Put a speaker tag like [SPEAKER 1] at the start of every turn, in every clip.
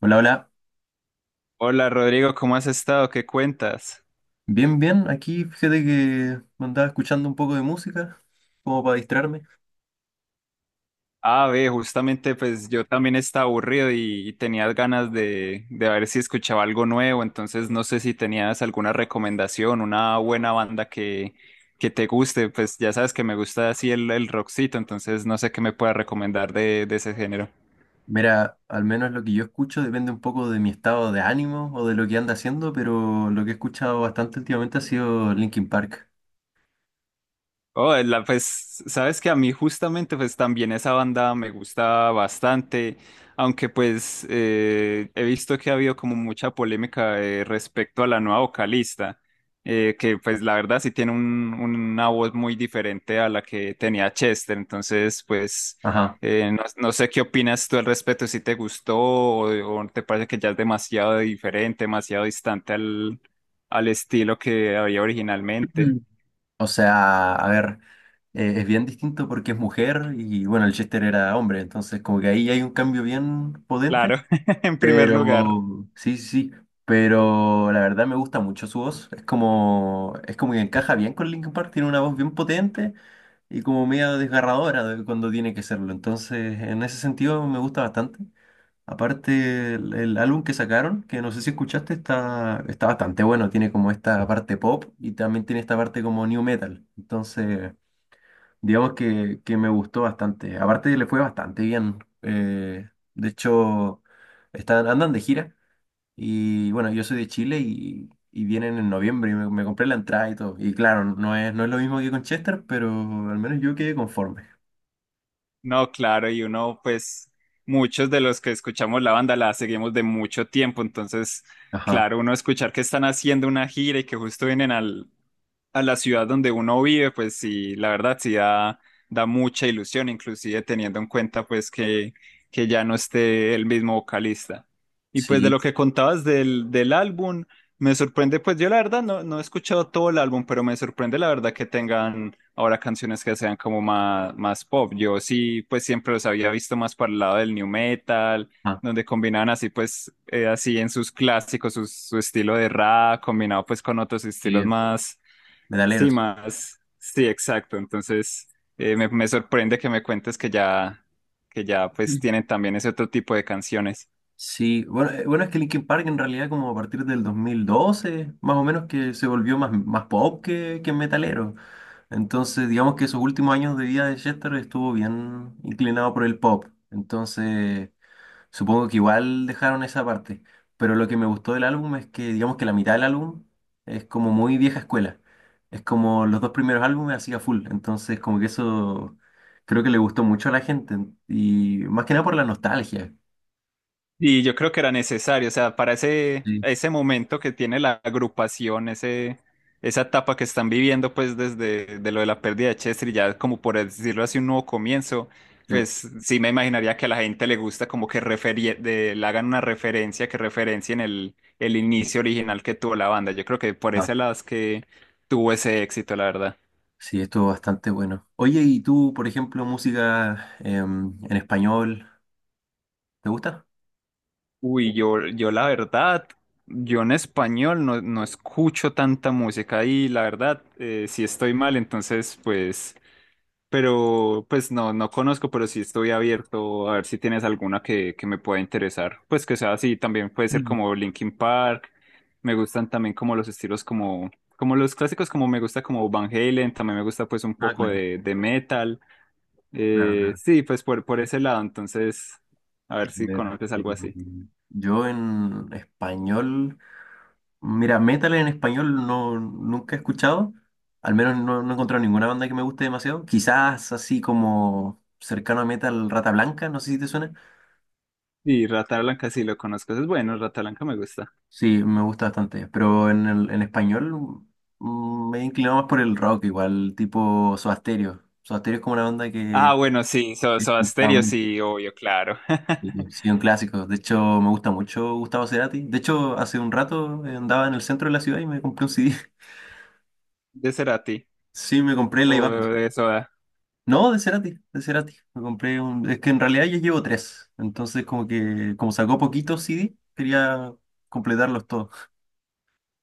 [SPEAKER 1] Hola, hola.
[SPEAKER 2] Hola Rodrigo, ¿cómo has estado? ¿Qué cuentas?
[SPEAKER 1] Bien, bien. Aquí fíjate que me andaba escuchando un poco de música, como para distraerme.
[SPEAKER 2] Ah, ve, justamente pues yo también estaba aburrido y tenías ganas de ver si escuchaba algo nuevo, entonces no sé si tenías alguna recomendación, una buena banda que te guste, pues ya sabes que me gusta así el rockcito, entonces no sé qué me puedas recomendar de ese género.
[SPEAKER 1] Mira, al menos lo que yo escucho depende un poco de mi estado de ánimo o de lo que anda haciendo, pero lo que he escuchado bastante últimamente ha sido Linkin Park.
[SPEAKER 2] Oh, pues, sabes que a mí justamente, pues también esa banda me gusta bastante, aunque pues he visto que ha habido como mucha polémica respecto a la nueva vocalista, que pues la verdad sí tiene una voz muy diferente a la que tenía Chester, entonces pues
[SPEAKER 1] Ajá.
[SPEAKER 2] no sé qué opinas tú al respecto, si te gustó o te parece que ya es demasiado diferente, demasiado distante al estilo que había originalmente.
[SPEAKER 1] Mm. O sea, a ver, es bien distinto porque es mujer y bueno, el Chester era hombre, entonces como que ahí hay un cambio bien potente.
[SPEAKER 2] Claro, en primer
[SPEAKER 1] Pero,
[SPEAKER 2] lugar,
[SPEAKER 1] sí, sí, sí, pero la verdad me gusta mucho su voz. Es como que encaja bien con Linkin Park, tiene una voz bien potente y como medio desgarradora cuando tiene que serlo. Entonces, en ese sentido me gusta bastante. Aparte, el álbum que sacaron, que no sé si escuchaste, está, está bastante bueno. Tiene como esta parte pop y también tiene esta parte como new metal. Entonces, digamos que me gustó bastante. Aparte, le fue bastante bien. De hecho, están, andan de gira. Y bueno, yo soy de Chile y vienen en noviembre y me compré la entrada y todo. Y claro, no es, no es lo mismo que con Chester, pero al menos yo quedé conforme.
[SPEAKER 2] no, claro, y uno, pues, muchos de los que escuchamos la banda la seguimos de mucho tiempo, entonces,
[SPEAKER 1] Ajá,
[SPEAKER 2] claro, uno escuchar que están haciendo una gira y que justo vienen a la ciudad donde uno vive, pues sí, la verdad sí da mucha ilusión, inclusive teniendo en cuenta, pues, que ya no esté el mismo vocalista. Y pues de
[SPEAKER 1] sí,
[SPEAKER 2] lo que contabas del álbum, me sorprende, pues yo la verdad no he escuchado todo el álbum, pero me sorprende la verdad que tengan ahora canciones que sean como más pop. Yo sí, pues siempre los había visto más para el lado del new metal,
[SPEAKER 1] ajá,
[SPEAKER 2] donde combinaban así, pues, así en sus clásicos, su estilo de rap, combinado pues con otros estilos
[SPEAKER 1] sí, metaleros.
[SPEAKER 2] más, sí, exacto. Entonces, me sorprende que me cuentes que ya, pues
[SPEAKER 1] Mm.
[SPEAKER 2] tienen también ese otro tipo de canciones.
[SPEAKER 1] Sí, bueno, bueno, es que Linkin Park en realidad como a partir del 2012, más o menos que se volvió más, más pop que metalero. Entonces, digamos que esos últimos años de vida de Chester estuvo bien inclinado por el pop. Entonces... Supongo que igual dejaron esa parte, pero lo que me gustó del álbum es que digamos que la mitad del álbum es como muy vieja escuela. Es como los dos primeros álbumes hacía full, entonces como que eso creo que le gustó mucho a la gente y más que nada por la nostalgia.
[SPEAKER 2] Y yo creo que era necesario, o sea, para ese,
[SPEAKER 1] Sí,
[SPEAKER 2] ese momento que tiene la agrupación, esa etapa que están viviendo, pues desde de lo de la pérdida de Chester, y ya como por decirlo así, un nuevo comienzo,
[SPEAKER 1] sí.
[SPEAKER 2] pues sí me imaginaría que a la gente le gusta como que le hagan una referencia, que referencien el inicio original que tuvo la banda. Yo creo que por
[SPEAKER 1] Ah,
[SPEAKER 2] ese lado es que tuvo ese éxito, la verdad.
[SPEAKER 1] sí, estuvo bastante bueno. Oye, ¿y tú, por ejemplo, música en español, te gusta?
[SPEAKER 2] Uy, yo la verdad, yo en español no escucho tanta música y la verdad, si estoy mal, entonces pues, pero pues no conozco, pero sí estoy abierto a ver si tienes alguna que me pueda interesar. Pues que sea así, también puede ser
[SPEAKER 1] Mm.
[SPEAKER 2] como Linkin Park, me gustan también como los estilos como los clásicos, como me gusta como Van Halen, también me gusta pues un
[SPEAKER 1] Ah,
[SPEAKER 2] poco
[SPEAKER 1] claro,
[SPEAKER 2] de metal.
[SPEAKER 1] claro,
[SPEAKER 2] Eh,
[SPEAKER 1] claro.
[SPEAKER 2] sí, pues por ese lado, entonces, a
[SPEAKER 1] A
[SPEAKER 2] ver si
[SPEAKER 1] ver,
[SPEAKER 2] conoces algo así.
[SPEAKER 1] yo en español. Mira, metal en español no, nunca he escuchado. Al menos no, no he encontrado ninguna banda que me guste demasiado. Quizás así como cercano a metal Rata Blanca, no sé si te suena.
[SPEAKER 2] Y Rata Blanca sí lo conozco, es bueno, Rata Blanca me gusta.
[SPEAKER 1] Sí, me gusta bastante. Pero en, el, en español mm, me he inclinado más por el rock, igual, tipo Soda Stereo. Soda Stereo es como una banda
[SPEAKER 2] Ah,
[SPEAKER 1] que
[SPEAKER 2] bueno, sí,
[SPEAKER 1] he
[SPEAKER 2] Soda
[SPEAKER 1] escuchado
[SPEAKER 2] Stereo,
[SPEAKER 1] mucho,
[SPEAKER 2] sí, obvio, claro.
[SPEAKER 1] y sí, un clásico. De hecho, me gusta mucho Gustavo Cerati. De hecho, hace un rato andaba en el centro de la ciudad y me compré un CD.
[SPEAKER 2] ¿De Cerati
[SPEAKER 1] Sí, me compré la
[SPEAKER 2] o
[SPEAKER 1] Iván.
[SPEAKER 2] de Soda?
[SPEAKER 1] No, de Cerati, de Cerati. Me compré un... Es que en realidad ya llevo tres. Entonces, como que, como sacó poquitos CD, quería completarlos todos.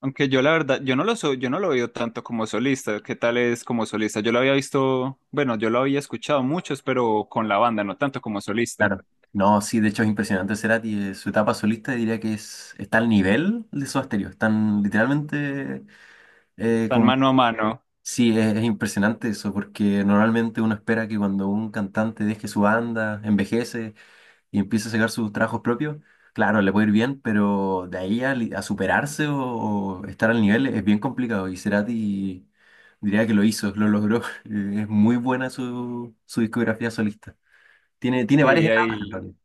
[SPEAKER 2] Aunque yo la verdad, yo no lo veo tanto como solista. ¿Qué tal es como solista? Yo lo había visto, bueno, yo lo había escuchado muchos, pero con la banda, no tanto como solista.
[SPEAKER 1] Claro. No, sí, de hecho es impresionante Cerati. Su etapa solista diría que es, está al nivel de Soda Stereo. Están literalmente
[SPEAKER 2] Tan
[SPEAKER 1] como...
[SPEAKER 2] mano a mano.
[SPEAKER 1] Sí, es impresionante eso, porque normalmente uno espera que cuando un cantante deje su banda, envejece, y empieza a sacar sus trabajos propios, claro, le puede ir bien, pero de ahí a, a superarse o estar al nivel es bien complicado. Y Cerati diría que lo hizo, lo logró. Es muy buena su, su discografía solista. Tiene, tiene varias
[SPEAKER 2] Sí,
[SPEAKER 1] etapas en
[SPEAKER 2] ahí.
[SPEAKER 1] realidad.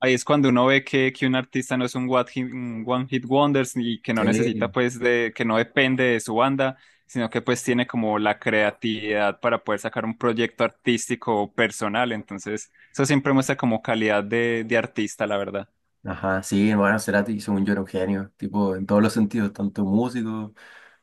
[SPEAKER 2] Ahí es cuando uno ve que un artista no es un un one hit wonders y que no necesita
[SPEAKER 1] Sí,
[SPEAKER 2] pues que no depende de su banda, sino que pues tiene como la creatividad para poder sacar un proyecto artístico o personal. Entonces, eso siempre muestra como calidad de artista, la verdad.
[SPEAKER 1] ajá, sí, bueno, Cerati, según yo, era un genio, tipo, en todos los sentidos, tanto músico,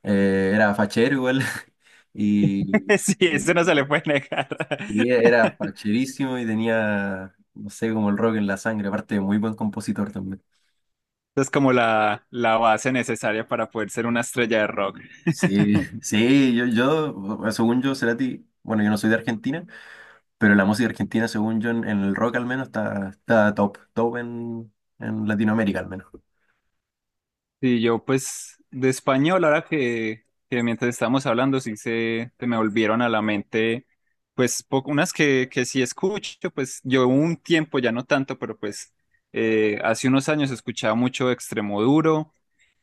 [SPEAKER 1] era fachero igual, y,
[SPEAKER 2] Sí, eso
[SPEAKER 1] y-
[SPEAKER 2] no se le puede negar.
[SPEAKER 1] y era facherísimo y tenía, no sé, como el rock en la sangre, aparte, muy buen compositor también.
[SPEAKER 2] Es como la base necesaria para poder ser una estrella de rock.
[SPEAKER 1] Sí, sí, yo, bueno, según yo, Cerati, bueno, yo no soy de Argentina, pero la música argentina, según yo, en el rock al menos, está, está top, top en Latinoamérica al menos.
[SPEAKER 2] Sí, yo pues de español, ahora que mientras estábamos hablando, sí se me volvieron a la mente, pues unas que sí escucho, pues yo un tiempo, ya no tanto, pero pues hace unos años escuchaba mucho Extremoduro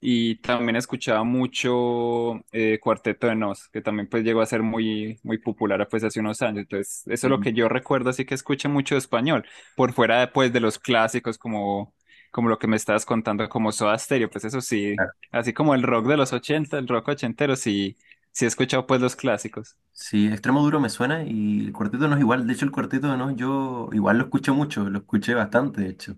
[SPEAKER 2] y también escuchaba mucho Cuarteto de Nos, que también pues llegó a ser muy, muy popular pues hace unos años. Entonces, eso es lo
[SPEAKER 1] Sí,
[SPEAKER 2] que yo recuerdo, así que escuché mucho de español, por fuera pues de los clásicos como lo que me estabas contando, como Soda Stereo, pues eso sí,
[SPEAKER 1] claro.
[SPEAKER 2] así como el rock de los ochenta, el rock ochentero, sí, sí he escuchado pues los clásicos.
[SPEAKER 1] Sí, Extremo Duro me suena y el Cuarteto no es igual, de hecho el Cuarteto no, yo igual lo escuché mucho, lo escuché bastante, de hecho.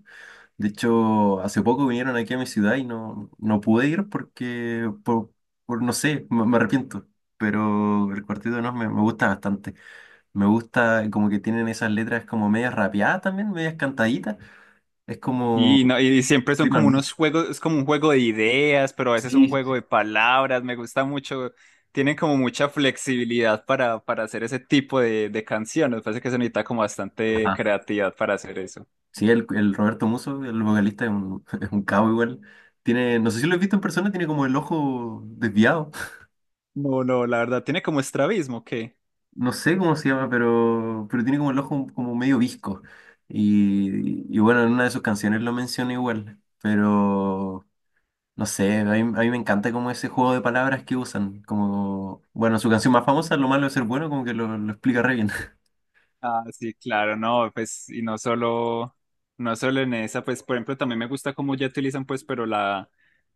[SPEAKER 1] De hecho, hace poco vinieron aquí a mi ciudad y no, no pude ir porque, por no sé, me arrepiento, pero el Cuarteto no me, me gusta bastante. Me gusta como que tienen esas letras como medias rapeadas también, medias cantaditas. Es como...
[SPEAKER 2] No, y siempre son
[SPEAKER 1] Riman
[SPEAKER 2] como unos
[SPEAKER 1] mucho.
[SPEAKER 2] juegos, es como un juego de ideas, pero a veces
[SPEAKER 1] Sí,
[SPEAKER 2] un
[SPEAKER 1] sí.
[SPEAKER 2] juego
[SPEAKER 1] sí.
[SPEAKER 2] de palabras, me gusta mucho, tienen como mucha flexibilidad para hacer ese tipo de canciones, parece que se necesita como bastante
[SPEAKER 1] Ajá.
[SPEAKER 2] creatividad para hacer eso.
[SPEAKER 1] Sí, el Roberto Musso, el vocalista, es un, es un cabo igual. Tiene, no sé si lo he visto en persona, tiene como el ojo desviado.
[SPEAKER 2] No, no, la verdad, tiene como estrabismo, ¿qué?
[SPEAKER 1] No sé cómo se llama, pero tiene como el ojo como medio visco. Y bueno, en una de sus canciones lo menciona igual. Pero... No sé, a mí me encanta como ese juego de palabras que usan. Como, bueno, su canción más famosa, Lo malo de ser bueno, como que lo explica re bien.
[SPEAKER 2] Ah, sí, claro, no, pues, y no solo, en esa, pues, por ejemplo, también me gusta cómo ya utilizan, pues, pero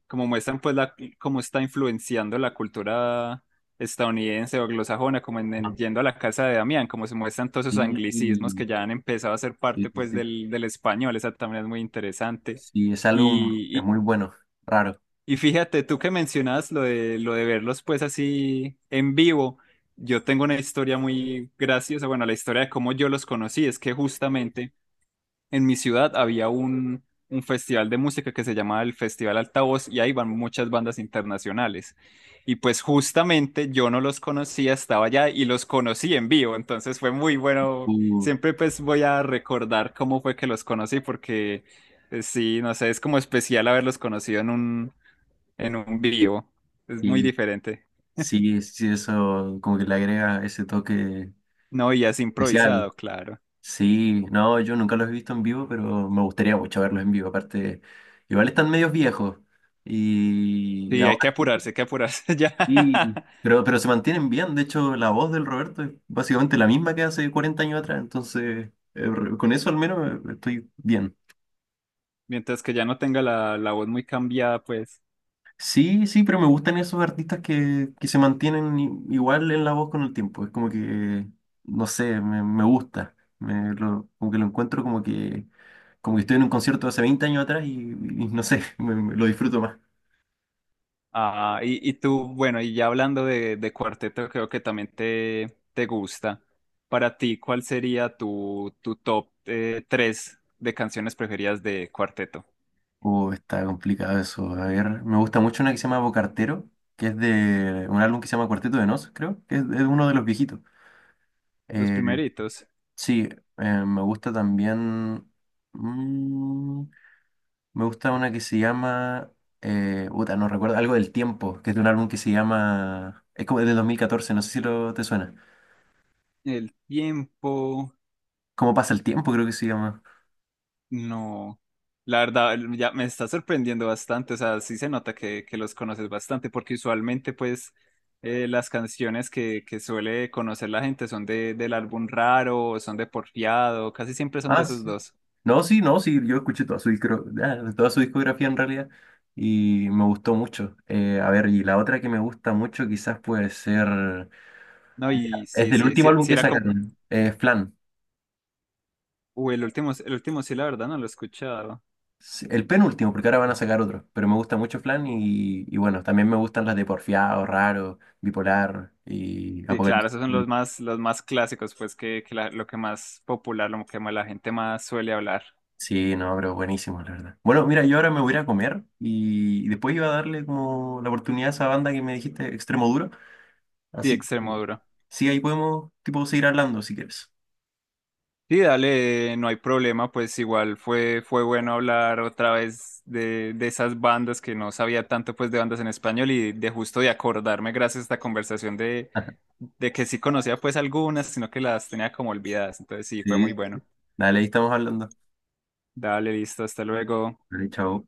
[SPEAKER 2] como muestran, pues, cómo está influenciando la cultura estadounidense o anglosajona, como en,
[SPEAKER 1] Ah,
[SPEAKER 2] en yendo a la casa de Damián, como se muestran todos esos
[SPEAKER 1] sí,
[SPEAKER 2] anglicismos
[SPEAKER 1] sí,
[SPEAKER 2] que ya han empezado a ser
[SPEAKER 1] sí,
[SPEAKER 2] parte, pues,
[SPEAKER 1] sí.
[SPEAKER 2] del español, esa también es muy interesante.
[SPEAKER 1] Sí, ese álbum es muy bueno, raro.
[SPEAKER 2] Y fíjate, tú que mencionas lo de verlos pues así en vivo, yo tengo una historia muy graciosa, bueno, la historia de cómo yo los conocí es que justamente en mi ciudad había un festival de música que se llamaba el Festival Altavoz y ahí van muchas bandas internacionales. Y pues justamente yo no los conocía, estaba allá y los conocí en vivo, entonces fue muy bueno,
[SPEAKER 1] Uh,
[SPEAKER 2] siempre pues voy a recordar cómo fue que los conocí porque sí, no sé, es como especial haberlos conocido en un vivo. Es muy
[SPEAKER 1] sí,
[SPEAKER 2] diferente.
[SPEAKER 1] sí, sí, eso como que le agrega ese toque
[SPEAKER 2] No, y es
[SPEAKER 1] especial.
[SPEAKER 2] improvisado, claro.
[SPEAKER 1] Sí, no, yo nunca los he visto en vivo, pero me gustaría mucho verlos en vivo. Aparte, igual están medios viejos. Y
[SPEAKER 2] Sí,
[SPEAKER 1] ahora sí
[SPEAKER 2] hay que apurarse ya.
[SPEAKER 1] Y, pero se mantienen bien, de hecho la voz del Roberto es básicamente la misma que hace 40 años atrás, entonces con eso al menos estoy bien.
[SPEAKER 2] Mientras que ya no tenga la voz muy cambiada, pues.
[SPEAKER 1] Sí, sí, pero me gustan esos artistas que se mantienen igual en la voz con el tiempo, es como que, no sé, me gusta, me, como que lo encuentro como que estoy en un concierto hace 20 años atrás y no sé, lo disfruto más.
[SPEAKER 2] Ah, y tú, bueno, y ya hablando de cuarteto, creo que también te gusta. Para ti, ¿cuál sería tu, top tres de canciones preferidas de cuarteto?
[SPEAKER 1] Está complicado eso. A ver, me gusta mucho una que se llama Bocartero, que es de un álbum que se llama Cuarteto de Nos, creo, que es uno de los viejitos.
[SPEAKER 2] Los
[SPEAKER 1] Eh,
[SPEAKER 2] primeritos.
[SPEAKER 1] sí, me gusta también. mm, me gusta una que se llama. Puta, no recuerdo, algo del tiempo, que es de un álbum que se llama. Es como de 2014, no sé si lo te suena.
[SPEAKER 2] El tiempo.
[SPEAKER 1] ¿Cómo pasa el tiempo? Creo que se llama.
[SPEAKER 2] No, la verdad, ya me está sorprendiendo bastante, o sea, sí se nota que los conoces bastante, porque usualmente pues las canciones que suele conocer la gente son del álbum raro, o son de Porfiado, casi siempre son de
[SPEAKER 1] Ah,
[SPEAKER 2] esos
[SPEAKER 1] sí.
[SPEAKER 2] dos.
[SPEAKER 1] No, sí, no, sí, yo escuché toda su, ah, toda su discografía en realidad y me gustó mucho. A ver, y la otra que me gusta mucho quizás puede ser...
[SPEAKER 2] No, y
[SPEAKER 1] Es
[SPEAKER 2] sí,
[SPEAKER 1] del
[SPEAKER 2] sí,
[SPEAKER 1] último
[SPEAKER 2] sí,
[SPEAKER 1] álbum
[SPEAKER 2] sí
[SPEAKER 1] que
[SPEAKER 2] era como,
[SPEAKER 1] sacaron, Flan.
[SPEAKER 2] uy, el último sí, la verdad, no lo he escuchado.
[SPEAKER 1] Sí, El penúltimo, porque ahora van a sacar otro, pero me gusta mucho Flan y bueno, también me gustan las de Porfiado, Raro, Bipolar y
[SPEAKER 2] Sí, claro,
[SPEAKER 1] Apocalipsis.
[SPEAKER 2] esos son los más clásicos, pues que lo que más popular, lo que más la gente más suele hablar.
[SPEAKER 1] Sí, no, pero buenísimo, la verdad. Bueno, mira, yo ahora me voy a ir a comer y después iba a darle como la oportunidad a esa banda que me dijiste, Extremo Duro.
[SPEAKER 2] Sí,
[SPEAKER 1] Así que...
[SPEAKER 2] Extremoduro.
[SPEAKER 1] Sí, ahí podemos, tipo, seguir hablando si quieres.
[SPEAKER 2] Sí, dale, no hay problema, pues igual fue bueno hablar otra vez de esas bandas que no sabía tanto pues de bandas en español y de justo de acordarme gracias a esta conversación de, de que sí conocía pues algunas, sino que las tenía como olvidadas. Entonces sí, fue
[SPEAKER 1] Sí,
[SPEAKER 2] muy
[SPEAKER 1] sí, sí.
[SPEAKER 2] bueno.
[SPEAKER 1] Dale, ahí estamos hablando.
[SPEAKER 2] Dale, listo, hasta luego.
[SPEAKER 1] Vale, chao.